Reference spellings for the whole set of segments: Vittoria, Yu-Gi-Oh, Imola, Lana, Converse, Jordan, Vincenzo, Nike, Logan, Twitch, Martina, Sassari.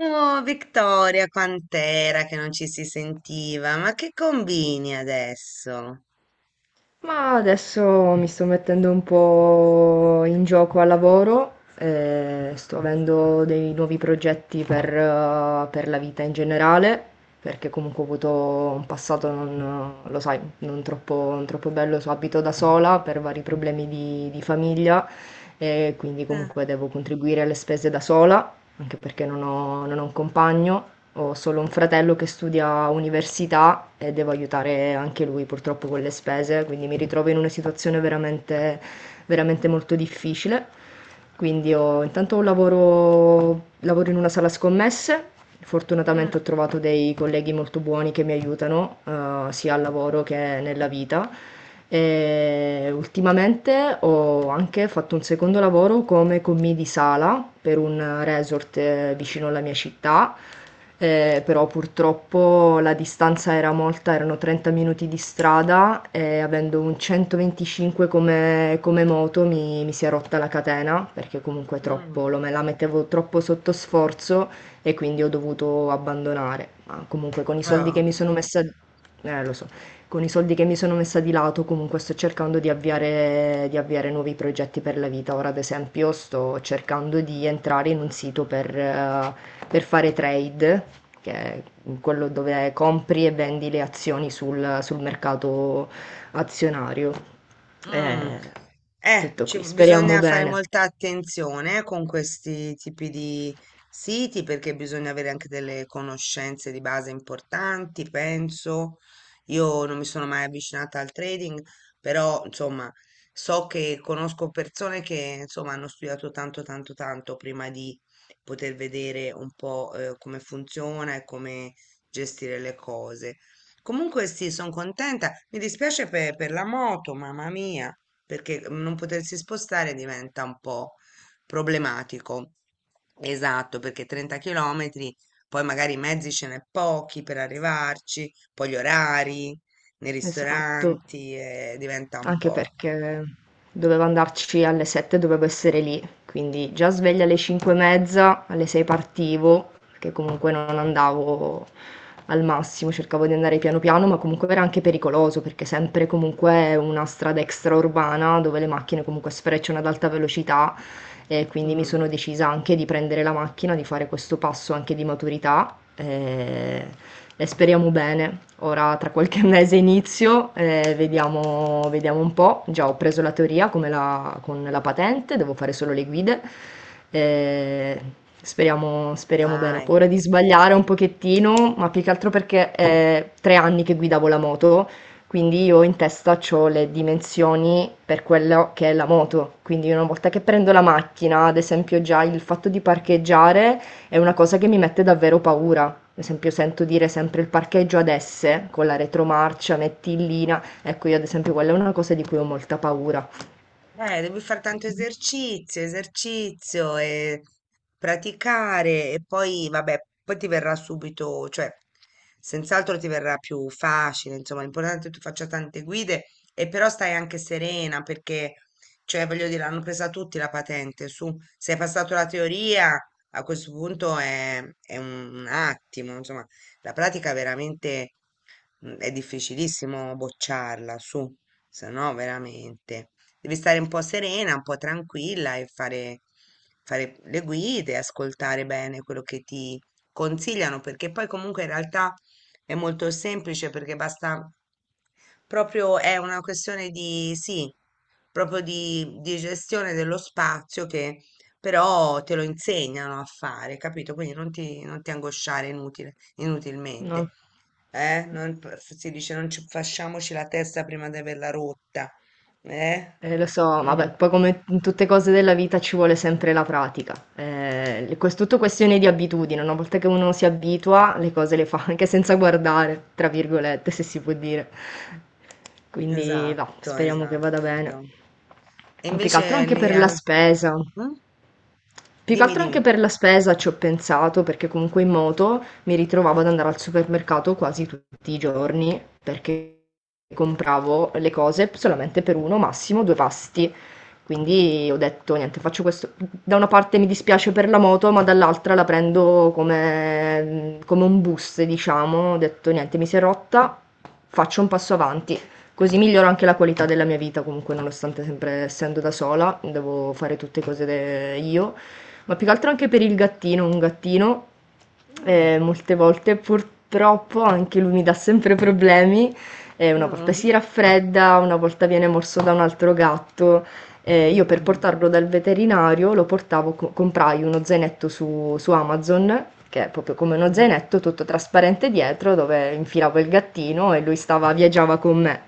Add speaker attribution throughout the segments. Speaker 1: Oh, Vittoria, quant'era che non ci si sentiva? Ma che combini adesso?
Speaker 2: Ma adesso mi sto mettendo un po' in gioco al lavoro, sto avendo dei nuovi progetti per la vita in generale, perché comunque ho avuto un passato, non, lo sai, non troppo bello, abito da sola per vari problemi di famiglia, e quindi
Speaker 1: Eh.
Speaker 2: comunque devo contribuire alle spese da sola, anche perché non ho un compagno, ho solo un fratello che studia università e devo aiutare anche lui purtroppo con le spese, quindi mi ritrovo in una situazione veramente veramente molto difficile. Quindi intanto ho un lavoro, lavoro in una sala scommesse, fortunatamente
Speaker 1: Mm,
Speaker 2: ho trovato dei colleghi molto buoni che mi aiutano, sia al lavoro che nella vita. E ultimamente ho anche fatto un secondo lavoro come commì di sala per un resort vicino alla mia città, però purtroppo la distanza era molta, erano 30 minuti di strada e avendo un 125 come moto mi si è rotta la catena perché comunque
Speaker 1: mm.
Speaker 2: me la mettevo troppo sotto sforzo e quindi ho dovuto abbandonare. Ma comunque con i soldi che
Speaker 1: Oh.
Speaker 2: mi sono messa, lo so, con i soldi che mi sono messa di lato comunque sto cercando di avviare nuovi progetti per la vita. Ora ad esempio sto cercando di entrare in un sito per fare trade, che è quello dove compri e vendi le azioni sul mercato azionario.
Speaker 1: Mm.
Speaker 2: Eh, Tutto qui, speriamo
Speaker 1: Bisogna fare
Speaker 2: bene.
Speaker 1: molta attenzione con questi tipi di siti perché bisogna avere anche delle conoscenze di base importanti, penso. Io non mi sono mai avvicinata al trading, però insomma so che conosco persone che insomma hanno studiato tanto tanto tanto prima di poter vedere un po' come funziona e come gestire le cose. Comunque sì, sono contenta. Mi dispiace per la moto, mamma mia, perché non potersi spostare diventa un po' problematico. Esatto, perché 30 km, poi magari i mezzi ce n'è pochi per arrivarci, poi gli orari nei
Speaker 2: Esatto.
Speaker 1: ristoranti, diventa un
Speaker 2: Anche
Speaker 1: po'.
Speaker 2: perché dovevo andarci alle 7, dovevo essere lì, quindi già sveglia alle 5 e mezza, alle 6 partivo, perché comunque non andavo al massimo, cercavo di andare piano piano, ma comunque era anche pericoloso, perché sempre comunque è una strada extraurbana dove le macchine comunque sfrecciano ad alta velocità, e quindi mi sono
Speaker 1: Mm,
Speaker 2: decisa anche di prendere la macchina, di fare questo passo anche di maturità, e speriamo bene. Ora tra qualche mese inizio, vediamo, vediamo un po'. Già ho preso la teoria con la patente, devo fare solo le guide. eh, Speriamo, speriamo bene. Ho
Speaker 1: dai.
Speaker 2: paura di sbagliare un pochettino, ma più che altro perché è 3 anni che guidavo la moto, quindi io in testa c'ho le dimensioni per quello che è la moto, quindi una volta che prendo la macchina, ad esempio già il fatto di parcheggiare è una cosa che mi mette davvero paura. Ad esempio sento dire sempre il parcheggio ad S con la retromarcia, mettillina. Ecco, io ad esempio quella è una cosa di cui ho molta paura.
Speaker 1: Devi fare tanto esercizio, esercizio e praticare e poi, vabbè, poi ti verrà subito, cioè, senz'altro ti verrà più facile, insomma, l'importante è che tu faccia tante guide e però stai anche serena perché, cioè, voglio dire, hanno presa tutti la patente, su, se hai passato la teoria, a questo punto è un attimo, insomma, la pratica veramente è difficilissimo bocciarla, su, se no veramente devi stare un po' serena, un po' tranquilla e fare, fare le guide, ascoltare bene quello che ti consigliano, perché poi comunque in realtà è molto semplice perché basta proprio è una questione di sì, proprio di gestione dello spazio che però te lo insegnano a fare, capito? Quindi non ti angosciare
Speaker 2: No.
Speaker 1: inutilmente. Eh? Non, si dice non ci, facciamoci la testa prima di averla rotta. Eh?
Speaker 2: Lo so, vabbè, poi come in tutte cose della vita ci vuole sempre la pratica. È tutto questione di abitudine, una volta che uno si abitua, le cose le fa anche senza guardare, tra virgolette, se si può dire. Quindi va,
Speaker 1: Esatto,
Speaker 2: speriamo che vada bene.
Speaker 1: esatto. E
Speaker 2: Ma più che altro
Speaker 1: invece
Speaker 2: anche
Speaker 1: lì
Speaker 2: per la
Speaker 1: al...
Speaker 2: spesa.
Speaker 1: Mm?
Speaker 2: Più che
Speaker 1: Dimmi,
Speaker 2: altro anche
Speaker 1: dimmi.
Speaker 2: per la spesa ci ho pensato, perché comunque in moto mi ritrovavo ad andare al supermercato quasi tutti i giorni, perché compravo le cose solamente per uno, massimo due pasti. Quindi ho detto, niente, faccio questo. Da una parte mi dispiace per la moto, ma dall'altra la prendo come un boost, diciamo. Ho detto, niente, mi si è rotta, faccio un passo avanti. Così miglioro anche la qualità della mia vita, comunque, nonostante sempre essendo da sola, devo fare tutte cose io, ma più che altro anche per il gattino, un gattino,
Speaker 1: Mm,
Speaker 2: molte volte purtroppo anche lui mi dà sempre problemi, una volta
Speaker 1: mm,
Speaker 2: si raffredda, una volta viene morso da un altro gatto, io per
Speaker 1: mm,
Speaker 2: portarlo dal veterinario lo portavo, comprai uno zainetto su Amazon, che è proprio come uno
Speaker 1: mhm,
Speaker 2: zainetto tutto trasparente dietro, dove infilavo il gattino e lui stava, viaggiava con me.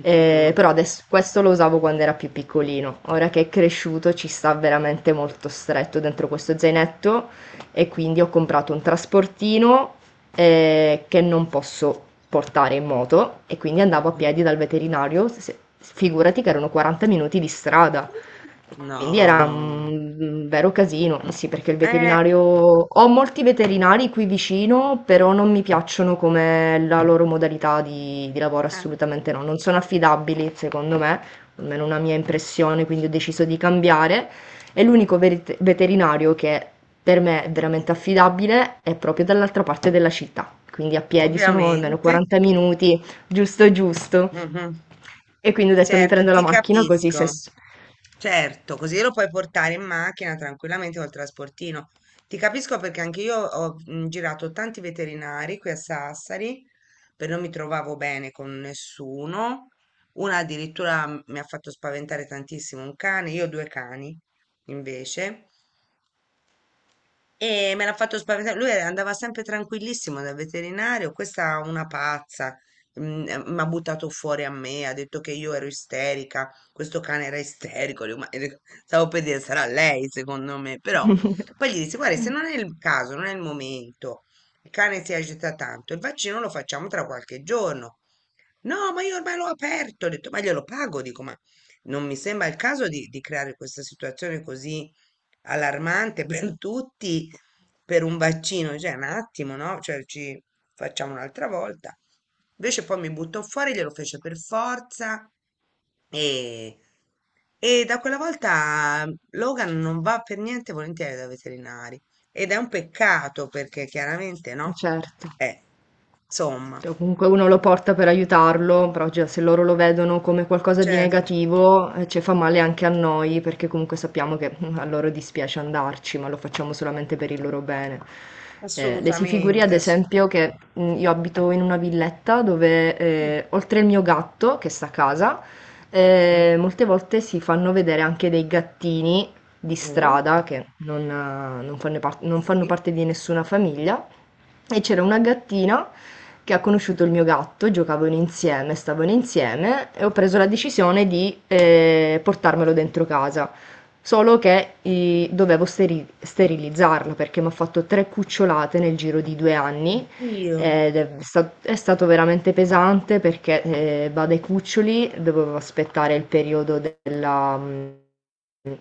Speaker 2: Però adesso, questo lo usavo quando era più piccolino. Ora che è cresciuto ci sta veramente molto stretto dentro questo zainetto, e quindi ho comprato un trasportino che non posso portare in moto, e quindi
Speaker 1: eh,
Speaker 2: andavo a piedi dal veterinario, figurati che erano 40 minuti di strada. Quindi era
Speaker 1: No.
Speaker 2: un vero casino, sì, perché il
Speaker 1: Eh,
Speaker 2: veterinario... Ho molti veterinari qui vicino, però non mi piacciono come la loro modalità di lavoro,
Speaker 1: eh,
Speaker 2: assolutamente no. Non sono affidabili, secondo me, almeno una mia impressione, quindi ho deciso di cambiare. E l'unico veterinario che per me è veramente affidabile è proprio dall'altra parte della città, quindi a piedi sono almeno
Speaker 1: ovviamente.
Speaker 2: 40 minuti, giusto giusto.
Speaker 1: Mhm.
Speaker 2: E quindi ho detto mi
Speaker 1: Certo,
Speaker 2: prendo la
Speaker 1: ti
Speaker 2: macchina così se...
Speaker 1: capisco. Certo, così lo puoi portare in macchina tranquillamente col trasportino. Ti capisco perché anche io ho girato tanti veterinari qui a Sassari, per non mi trovavo bene con nessuno. Una addirittura mi ha fatto spaventare tantissimo un cane, io ho due cani invece. E me l'ha fatto spaventare. Lui andava sempre tranquillissimo dal veterinario. Questa è una pazza. Mi ha buttato fuori a me, ha detto che io ero isterica. Questo cane era isterico. Dico, "Ma- Stavo per dire, sarà lei, secondo me. Però poi gli disse: Guarda, se non è il caso, non è il momento. Il cane si agita tanto. Il vaccino lo facciamo tra qualche giorno. No, ma io ormai l'ho aperto. Ho detto, ma glielo pago. Dico, ma non mi sembra il caso di creare questa situazione così allarmante per tutti per un vaccino, cioè un attimo, no? Cioè ci facciamo un'altra volta. Invece poi mi buttò fuori, glielo fece per forza e, e da quella volta Logan non va per niente volentieri da veterinari ed è un peccato perché chiaramente no?
Speaker 2: Certo.
Speaker 1: Eh, insomma,
Speaker 2: Cioè, comunque uno lo porta per aiutarlo, però già se loro lo vedono come qualcosa di
Speaker 1: certo,
Speaker 2: negativo, ci fa male anche a noi, perché comunque sappiamo che a loro dispiace andarci, ma lo facciamo solamente per il loro bene. Le si figuri, ad
Speaker 1: assolutamente.
Speaker 2: esempio, che io abito in una villetta dove,
Speaker 1: Mm,
Speaker 2: oltre il mio gatto che sta a casa, molte volte si fanno vedere anche dei gattini di
Speaker 1: mhm,
Speaker 2: strada che non fanno par- non fanno
Speaker 1: Sì,
Speaker 2: parte di nessuna famiglia. E c'era una gattina che ha conosciuto il mio gatto, giocavano insieme, stavano insieme, e ho preso la decisione di, portarmelo dentro casa. Solo che, dovevo sterilizzarla perché mi ha fatto tre cucciolate nel giro di 2 anni,
Speaker 1: io
Speaker 2: ed è stato veramente pesante perché, va dai cuccioli, dovevo aspettare il periodo della...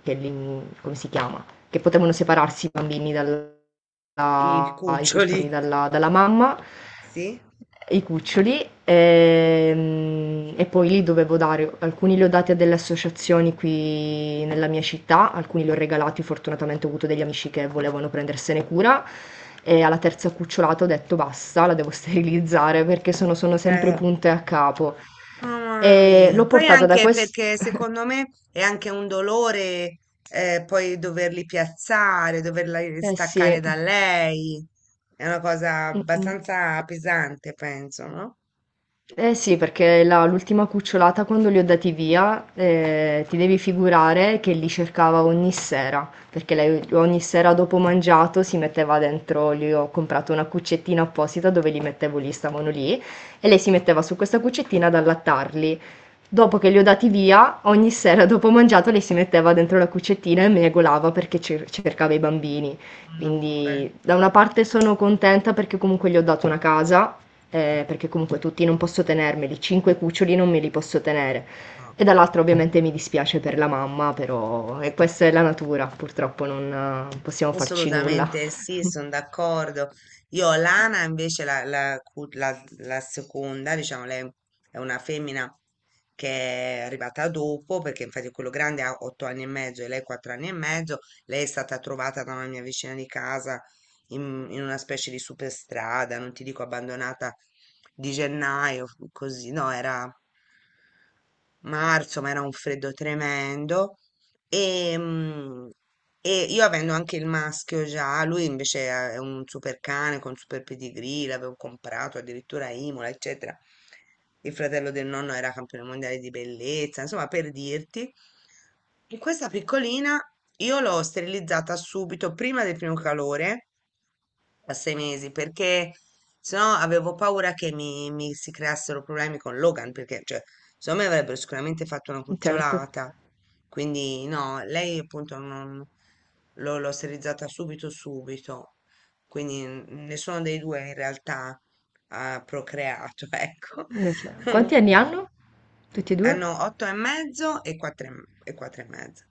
Speaker 2: come si chiama? Che potevano separarsi i
Speaker 1: i
Speaker 2: i
Speaker 1: cuccioli,
Speaker 2: cuccioli dalla mamma,
Speaker 1: sì.
Speaker 2: e poi li dovevo dare, alcuni li ho dati a delle associazioni qui nella mia città, alcuni li ho regalati, fortunatamente ho avuto degli amici che volevano prendersene cura. E alla terza cucciolata ho detto basta, la devo sterilizzare perché sono sempre
Speaker 1: Beh,
Speaker 2: punte a capo.
Speaker 1: no, mamma
Speaker 2: E
Speaker 1: mia.
Speaker 2: l'ho
Speaker 1: Poi
Speaker 2: portata da
Speaker 1: anche
Speaker 2: questo.
Speaker 1: perché secondo me è anche un dolore poi doverli piazzare, doverla
Speaker 2: Eh sì.
Speaker 1: staccare da lei. È una cosa
Speaker 2: Mm, mm.
Speaker 1: abbastanza pesante, penso, no?
Speaker 2: Eh sì, perché l'ultima cucciolata quando li ho dati via, ti devi figurare che li cercava ogni sera, perché lei ogni sera dopo mangiato si metteva dentro, gli ho comprato una cuccettina apposita dove li mettevo lì, stavano lì, e lei si metteva su questa cuccettina ad allattarli. Dopo che li ho dati via, ogni sera dopo mangiato lei si metteva dentro la cuccettina e megolava perché cercava i bambini.
Speaker 1: Un amore.
Speaker 2: Quindi da una parte sono contenta perché comunque gli ho dato una casa, perché comunque tutti non posso tenermeli, cinque cuccioli non me li posso tenere.
Speaker 1: No.
Speaker 2: E dall'altra ovviamente mi dispiace per la mamma, però e
Speaker 1: Eh.
Speaker 2: questa è la natura, purtroppo non, possiamo farci nulla.
Speaker 1: Assolutamente sì, sono d'accordo. Io Lana invece la seconda, diciamo, lei è una femmina che è arrivata dopo, perché infatti quello grande ha 8 anni e mezzo e lei 4 anni e mezzo. Lei è stata trovata da una mia vicina di casa in una specie di superstrada, non ti dico abbandonata di gennaio, così, no, era marzo, ma era un freddo tremendo. E, mm, e io avendo anche il maschio già, lui invece è un super cane con super pedigree, l'avevo comprato addirittura a Imola, eccetera. Il fratello del nonno era campione mondiale di bellezza, insomma, per dirti. E questa piccolina io l'ho sterilizzata subito prima del primo calore a 6 mesi perché sennò avevo paura che mi si creassero problemi con Logan perché cioè secondo me avrebbero sicuramente fatto una
Speaker 2: Certo.
Speaker 1: cucciolata quindi no lei appunto non l'ho sterilizzata subito subito quindi nessuno dei due in realtà ha procreato ecco
Speaker 2: Cioè, quanti anni hanno? Tutti e due?
Speaker 1: hanno otto e mezzo e quattro e mezzo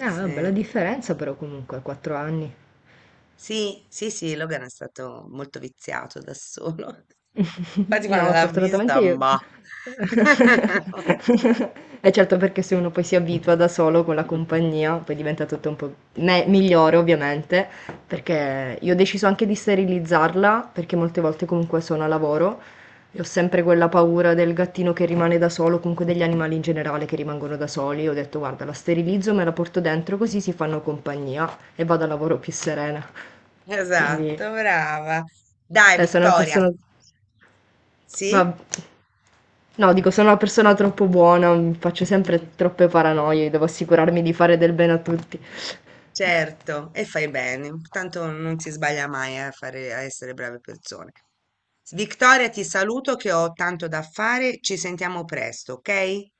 Speaker 2: Ah,
Speaker 1: sì.
Speaker 2: bella differenza però comunque, 4 anni.
Speaker 1: Sì, sì, sì, Logan è stato molto viziato da solo. Infatti quando
Speaker 2: No,
Speaker 1: l'ha
Speaker 2: fortunatamente
Speaker 1: vista,
Speaker 2: io.
Speaker 1: bah.
Speaker 2: Eh certo, perché se uno poi si abitua da solo con la compagnia, poi diventa tutto un po' migliore ovviamente, perché io ho deciso anche di sterilizzarla, perché molte volte comunque sono a lavoro e ho sempre quella paura del gattino che rimane da solo, comunque degli animali in generale che rimangono da soli. Ho detto, guarda, la sterilizzo, me la porto dentro così si fanno compagnia, e vado a lavoro più serena. Quindi,
Speaker 1: Esatto, brava. Dai,
Speaker 2: sono una
Speaker 1: Vittoria.
Speaker 2: persona... Vab
Speaker 1: Sì?
Speaker 2: no, dico, sono una persona troppo buona, faccio sempre troppe paranoie, devo assicurarmi di fare del bene a tutti.
Speaker 1: Certo, e fai bene. Tanto non si sbaglia mai a fare, a essere brave persone. Vittoria, ti saluto che ho tanto da fare. Ci sentiamo presto, ok?